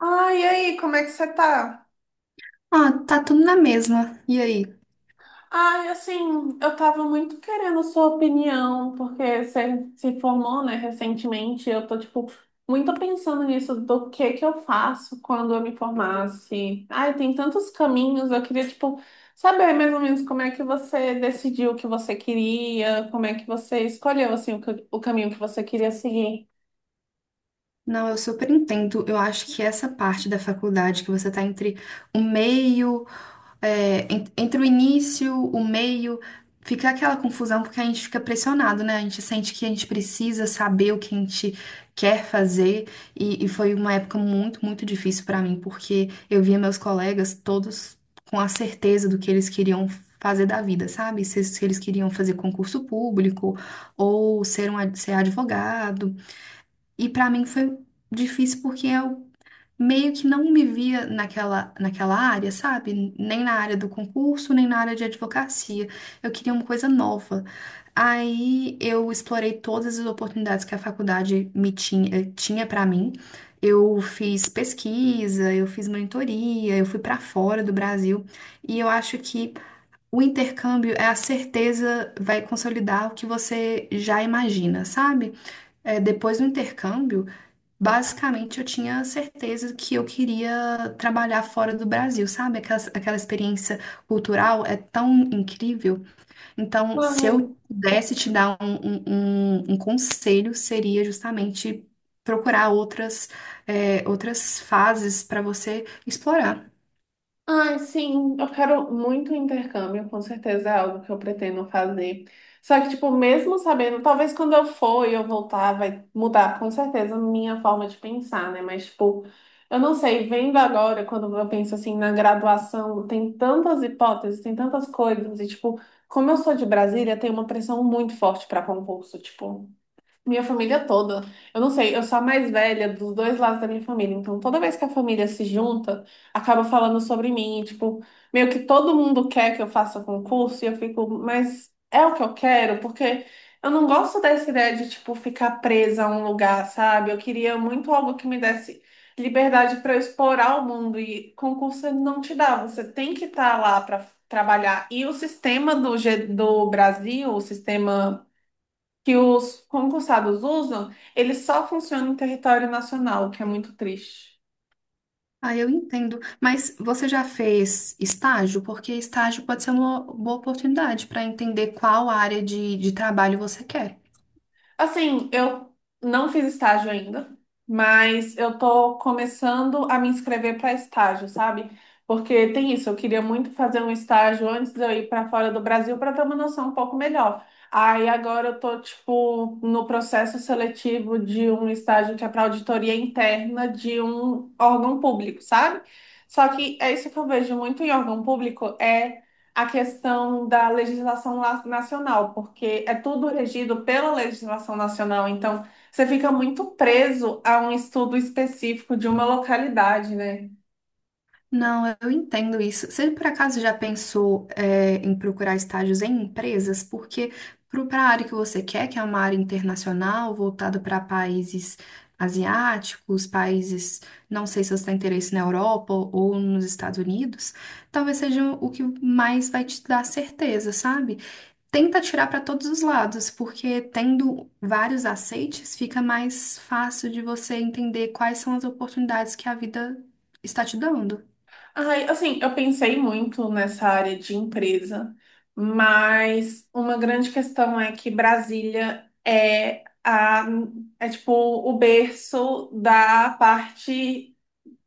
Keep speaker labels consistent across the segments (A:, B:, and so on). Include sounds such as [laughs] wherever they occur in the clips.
A: Ai, e aí, como é que você tá?
B: Ah, tá tudo na mesma. E aí?
A: Ai, assim, eu tava muito querendo a sua opinião, porque você se formou, né, recentemente, e eu tô, tipo, muito pensando nisso, do que eu faço quando eu me formasse. Ai, tem tantos caminhos, eu queria, tipo, saber mais ou menos como é que você decidiu o que você queria, como é que você escolheu, assim, o caminho que você queria seguir.
B: Não, eu super entendo. Eu acho que essa parte da faculdade, que você tá entre o meio entre o início, o meio, fica aquela confusão porque a gente fica pressionado, né? A gente sente que a gente precisa saber o que a gente quer fazer e foi uma época muito, muito difícil pra mim porque eu via meus colegas todos com a certeza do que eles queriam fazer da vida, sabe? Se eles queriam fazer concurso público ou ser advogado. E pra mim foi difícil porque eu meio que não me via naquela área, sabe? Nem na área do concurso, nem na área de advocacia. Eu queria uma coisa nova. Aí eu explorei todas as oportunidades que a faculdade me tinha para mim. Eu fiz pesquisa, eu fiz monitoria, eu fui para fora do Brasil. E eu acho que o intercâmbio é a certeza, vai consolidar o que você já imagina, sabe? É, depois do intercâmbio, basicamente, eu tinha certeza que eu queria trabalhar fora do Brasil, sabe? Aquela experiência cultural é tão incrível. Então, se
A: Ai.
B: eu pudesse te dar um conselho, seria justamente procurar outras fases para você explorar.
A: Ai, sim, eu quero muito um intercâmbio, com certeza é algo que eu pretendo fazer. Só que, tipo, mesmo sabendo, talvez quando eu for e eu voltar, vai mudar com certeza a minha forma de pensar, né? Mas, tipo, eu não sei, vendo agora, quando eu penso assim na graduação, tem tantas hipóteses, tem tantas coisas, e, tipo, como eu sou de Brasília, tem uma pressão muito forte para concurso, tipo. Minha família toda. Eu não sei, eu sou a mais velha dos dois lados da minha família. Então, toda vez que a família se junta, acaba falando sobre mim. E, tipo, meio que todo mundo quer que eu faça concurso e eu fico, mas é o que eu quero? Porque eu não gosto dessa ideia de, tipo, ficar presa a um lugar, sabe? Eu queria muito algo que me desse liberdade para eu explorar o mundo e concurso não te dá. Você tem que estar lá para trabalhar. E o sistema do Brasil, o sistema que os concursados usam, ele só funciona em território nacional, o que é muito triste.
B: Ah, eu entendo. Mas você já fez estágio? Porque estágio pode ser uma boa oportunidade para entender qual área de trabalho você quer.
A: Assim, eu não fiz estágio ainda, mas eu tô começando a me inscrever para estágio, sabe? Porque tem isso, eu queria muito fazer um estágio antes de eu ir para fora do Brasil para ter uma noção um pouco melhor. Aí agora eu tô, tipo, no processo seletivo de um estágio que é para auditoria interna de um órgão público, sabe? Só que é isso que eu vejo muito em órgão público, é a questão da nacional, porque é tudo regido pela legislação nacional, então você fica muito preso a um estudo específico de uma localidade, né?
B: Não, eu entendo isso. Você por acaso já pensou, em procurar estágios em empresas? Porque para a área que você quer, que é uma área internacional, voltada para países asiáticos, não sei se você tem interesse na Europa ou nos Estados Unidos, talvez seja o que mais vai te dar certeza, sabe? Tenta tirar para todos os lados, porque tendo vários aceites, fica mais fácil de você entender quais são as oportunidades que a vida está te dando.
A: Ai, assim, eu pensei muito nessa área de empresa, mas uma grande questão é que Brasília é tipo o berço da parte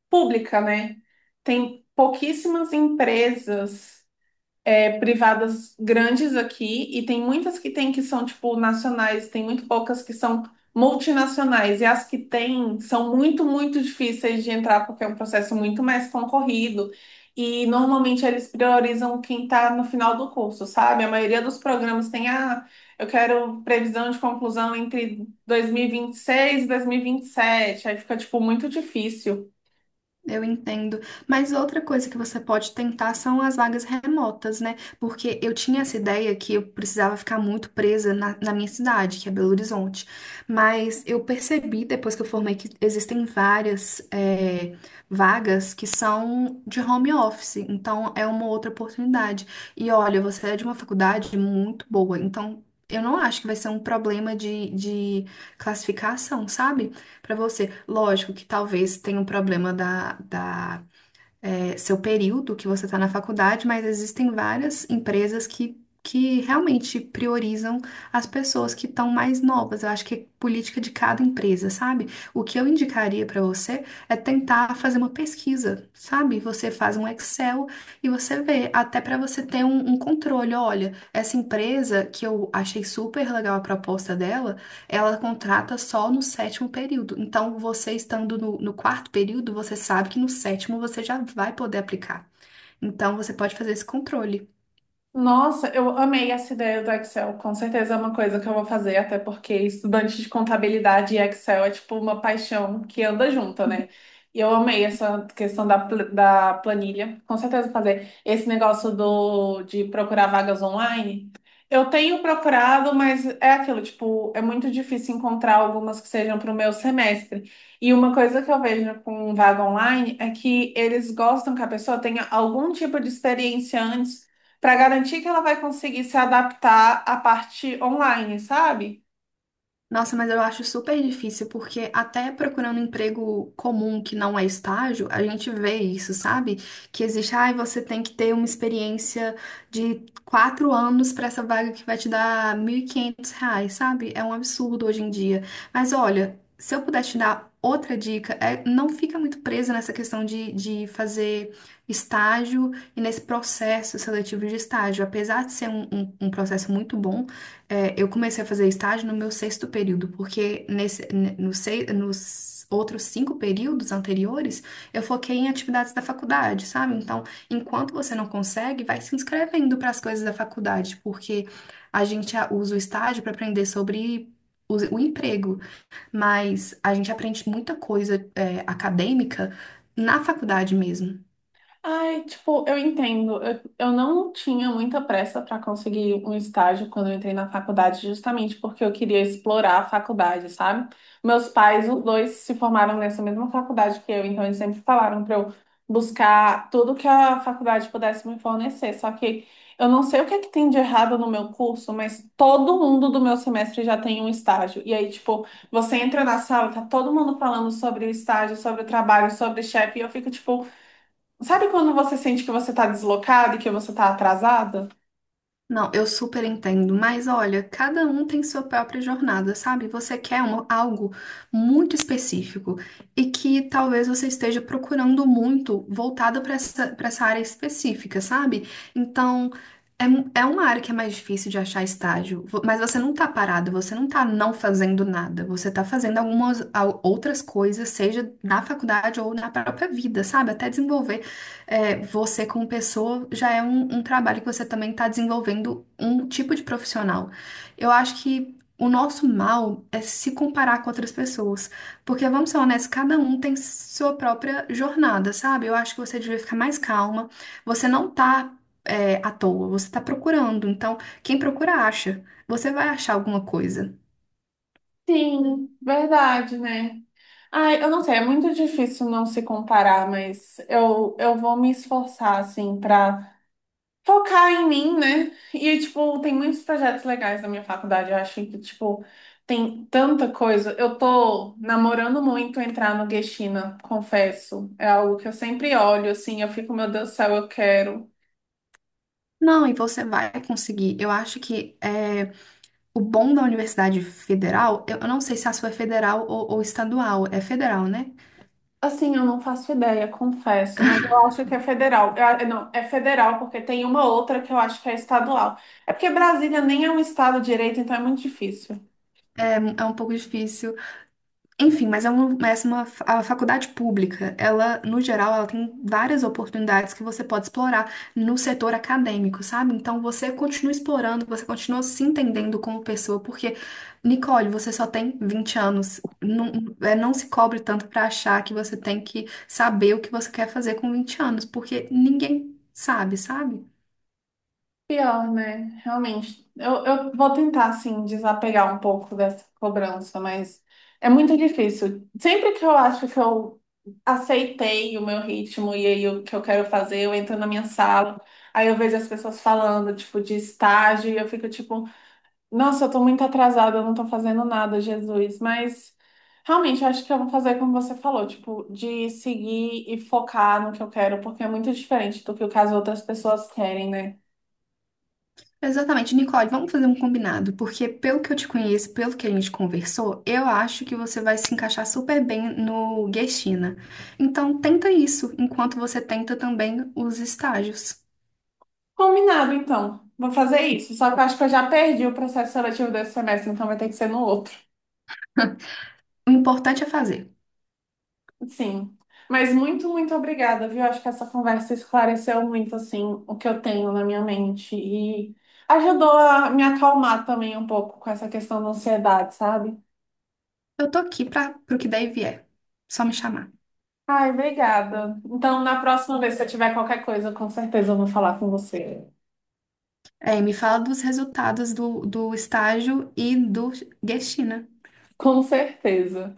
A: pública, né? Tem pouquíssimas empresas, é, privadas grandes aqui e tem muitas que tem que são tipo nacionais, tem muito poucas que são multinacionais e as que tem são muito, muito difíceis de entrar porque é um processo muito mais concorrido e normalmente eles priorizam quem está no final do curso, sabe? A maioria dos programas tem ah, eu quero previsão de conclusão entre 2026 e 2027, aí fica tipo muito difícil.
B: Eu entendo. Mas outra coisa que você pode tentar são as vagas remotas, né? Porque eu tinha essa ideia que eu precisava ficar muito presa na minha cidade, que é Belo Horizonte. Mas eu percebi depois que eu formei que existem várias, vagas que são de home office. Então é uma outra oportunidade. E olha, você é de uma faculdade muito boa. Então eu não acho que vai ser um problema de classificação, sabe? Para você. Lógico que talvez tenha um problema da, seu período que você está na faculdade, mas existem várias empresas que realmente priorizam as pessoas que estão mais novas. Eu acho que é política de cada empresa, sabe? O que eu indicaria para você é tentar fazer uma pesquisa, sabe? Você faz um Excel e você vê, até para você ter um controle. Olha, essa empresa que eu achei super legal a proposta dela ela contrata só no sétimo período. Então, você estando no quarto período, você sabe que no sétimo você já vai poder aplicar. Então, você pode fazer esse controle.
A: Nossa, eu amei essa ideia do Excel. Com certeza é uma coisa que eu vou fazer, até porque estudante de contabilidade e Excel é tipo uma paixão que anda junto, né? E eu amei essa questão da planilha. Com certeza vou fazer esse negócio de procurar vagas online. Eu tenho procurado, mas é aquilo, tipo, é muito difícil encontrar algumas que sejam para o meu semestre. E uma coisa que eu vejo com vaga online é que eles gostam que a pessoa tenha algum tipo de experiência antes para garantir que ela vai conseguir se adaptar à parte online, sabe?
B: Nossa, mas eu acho super difícil, porque até procurando emprego comum que não é estágio, a gente vê isso, sabe? Que existe, ai, você tem que ter uma experiência de 4 anos para essa vaga que vai te dar R$ 1.500, sabe? É um absurdo hoje em dia. Mas olha, se eu puder te dar outra dica, é não fica muito presa nessa questão de fazer estágio e nesse processo seletivo de estágio. Apesar de ser um processo muito bom, eu comecei a fazer estágio no meu sexto período, porque nesse, ne- no sei- nos outros cinco períodos anteriores, eu foquei em atividades da faculdade, sabe? Então, enquanto você não consegue, vai se inscrevendo para as coisas da faculdade, porque a gente usa o estágio para aprender sobre o emprego, mas a gente aprende muita coisa, acadêmica na faculdade mesmo.
A: Ai, tipo, eu entendo. Eu não tinha muita pressa para conseguir um estágio quando eu entrei na faculdade, justamente porque eu queria explorar a faculdade, sabe? Meus pais, os dois, se formaram nessa mesma faculdade que eu, então eles sempre falaram para eu buscar tudo que a faculdade pudesse me fornecer. Só que eu não sei o que é que tem de errado no meu curso, mas todo mundo do meu semestre já tem um estágio. E aí, tipo, você entra na sala, tá todo mundo falando sobre o estágio, sobre o trabalho, sobre o chefe, e eu fico, tipo. Sabe quando você sente que você tá deslocada e que você tá atrasada?
B: Não, eu super entendo, mas olha, cada um tem sua própria jornada, sabe? Você quer algo muito específico e que talvez você esteja procurando muito voltado para essa área específica, sabe? Então, é uma área que é mais difícil de achar estágio, mas você não tá parado, você não tá não fazendo nada, você tá fazendo algumas outras coisas, seja na faculdade ou na própria vida, sabe? Até desenvolver, você como pessoa já é um trabalho que você também está desenvolvendo um tipo de profissional. Eu acho que o nosso mal é se comparar com outras pessoas, porque vamos ser honestos, cada um tem sua própria jornada, sabe? Eu acho que você devia ficar mais calma. Você não tá à toa, você tá procurando. Então, quem procura acha. Você vai achar alguma coisa.
A: Sim, verdade, né? Ai, eu não sei, é muito difícil não se comparar, mas eu vou me esforçar, assim, pra focar em mim, né? E, tipo, tem muitos projetos legais na minha faculdade, eu acho que, tipo, tem tanta coisa. Eu tô namorando muito entrar no Geshina, confesso. É algo que eu sempre olho, assim, eu fico, meu Deus do céu, eu quero.
B: Não, e você vai conseguir. Eu acho que é. O bom da Universidade Federal, eu não sei se a sua é federal ou estadual, é federal, né?
A: Assim, eu não faço ideia, confesso, mas eu acho que é federal. Eu não, é federal porque tem uma outra que eu acho que é estadual. É porque Brasília nem é um estado direito, então é muito difícil.
B: É um pouco difícil. Enfim, mas a faculdade pública, ela, no geral, ela tem várias oportunidades que você pode explorar no setor acadêmico, sabe? Então você continua explorando, você continua se entendendo como pessoa, porque, Nicole, você só tem 20 anos. Não, não se cobre tanto para achar que você tem que saber o que você quer fazer com 20 anos, porque ninguém sabe, sabe?
A: Pior, né? Realmente. Eu vou tentar, assim, desapegar um pouco dessa cobrança, mas é muito difícil. Sempre que eu acho que eu aceitei o meu ritmo e aí o que eu quero fazer, eu entro na minha sala, aí eu vejo as pessoas falando, tipo, de estágio, e eu fico tipo. Nossa, eu tô muito atrasada, eu não tô fazendo nada, Jesus. Mas realmente eu acho que eu vou fazer como você falou, tipo, de seguir e focar no que eu quero, porque é muito diferente do que o que as outras pessoas querem, né?
B: Exatamente. Nicole, vamos fazer um combinado, porque pelo que eu te conheço, pelo que a gente conversou, eu acho que você vai se encaixar super bem no Guestina. Então, tenta isso, enquanto você tenta também os estágios.
A: Combinado, então. Vou fazer isso. Só que eu acho que eu já perdi o processo seletivo desse semestre, então vai ter que ser no outro.
B: [laughs] O importante é fazer.
A: Sim. Mas muito, muito obrigada, viu? Acho que essa conversa esclareceu muito, assim, o que eu tenho na minha mente e ajudou a me acalmar também um pouco com essa questão da ansiedade, sabe?
B: Eu tô aqui para pro que daí vier. Só me chamar.
A: Ai, obrigada. Então, na próxima vez, se eu tiver qualquer coisa, com certeza eu vou falar com você.
B: Me fala dos resultados do estágio e do Guestina.
A: Com certeza.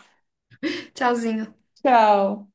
B: Tchauzinho.
A: Tchau.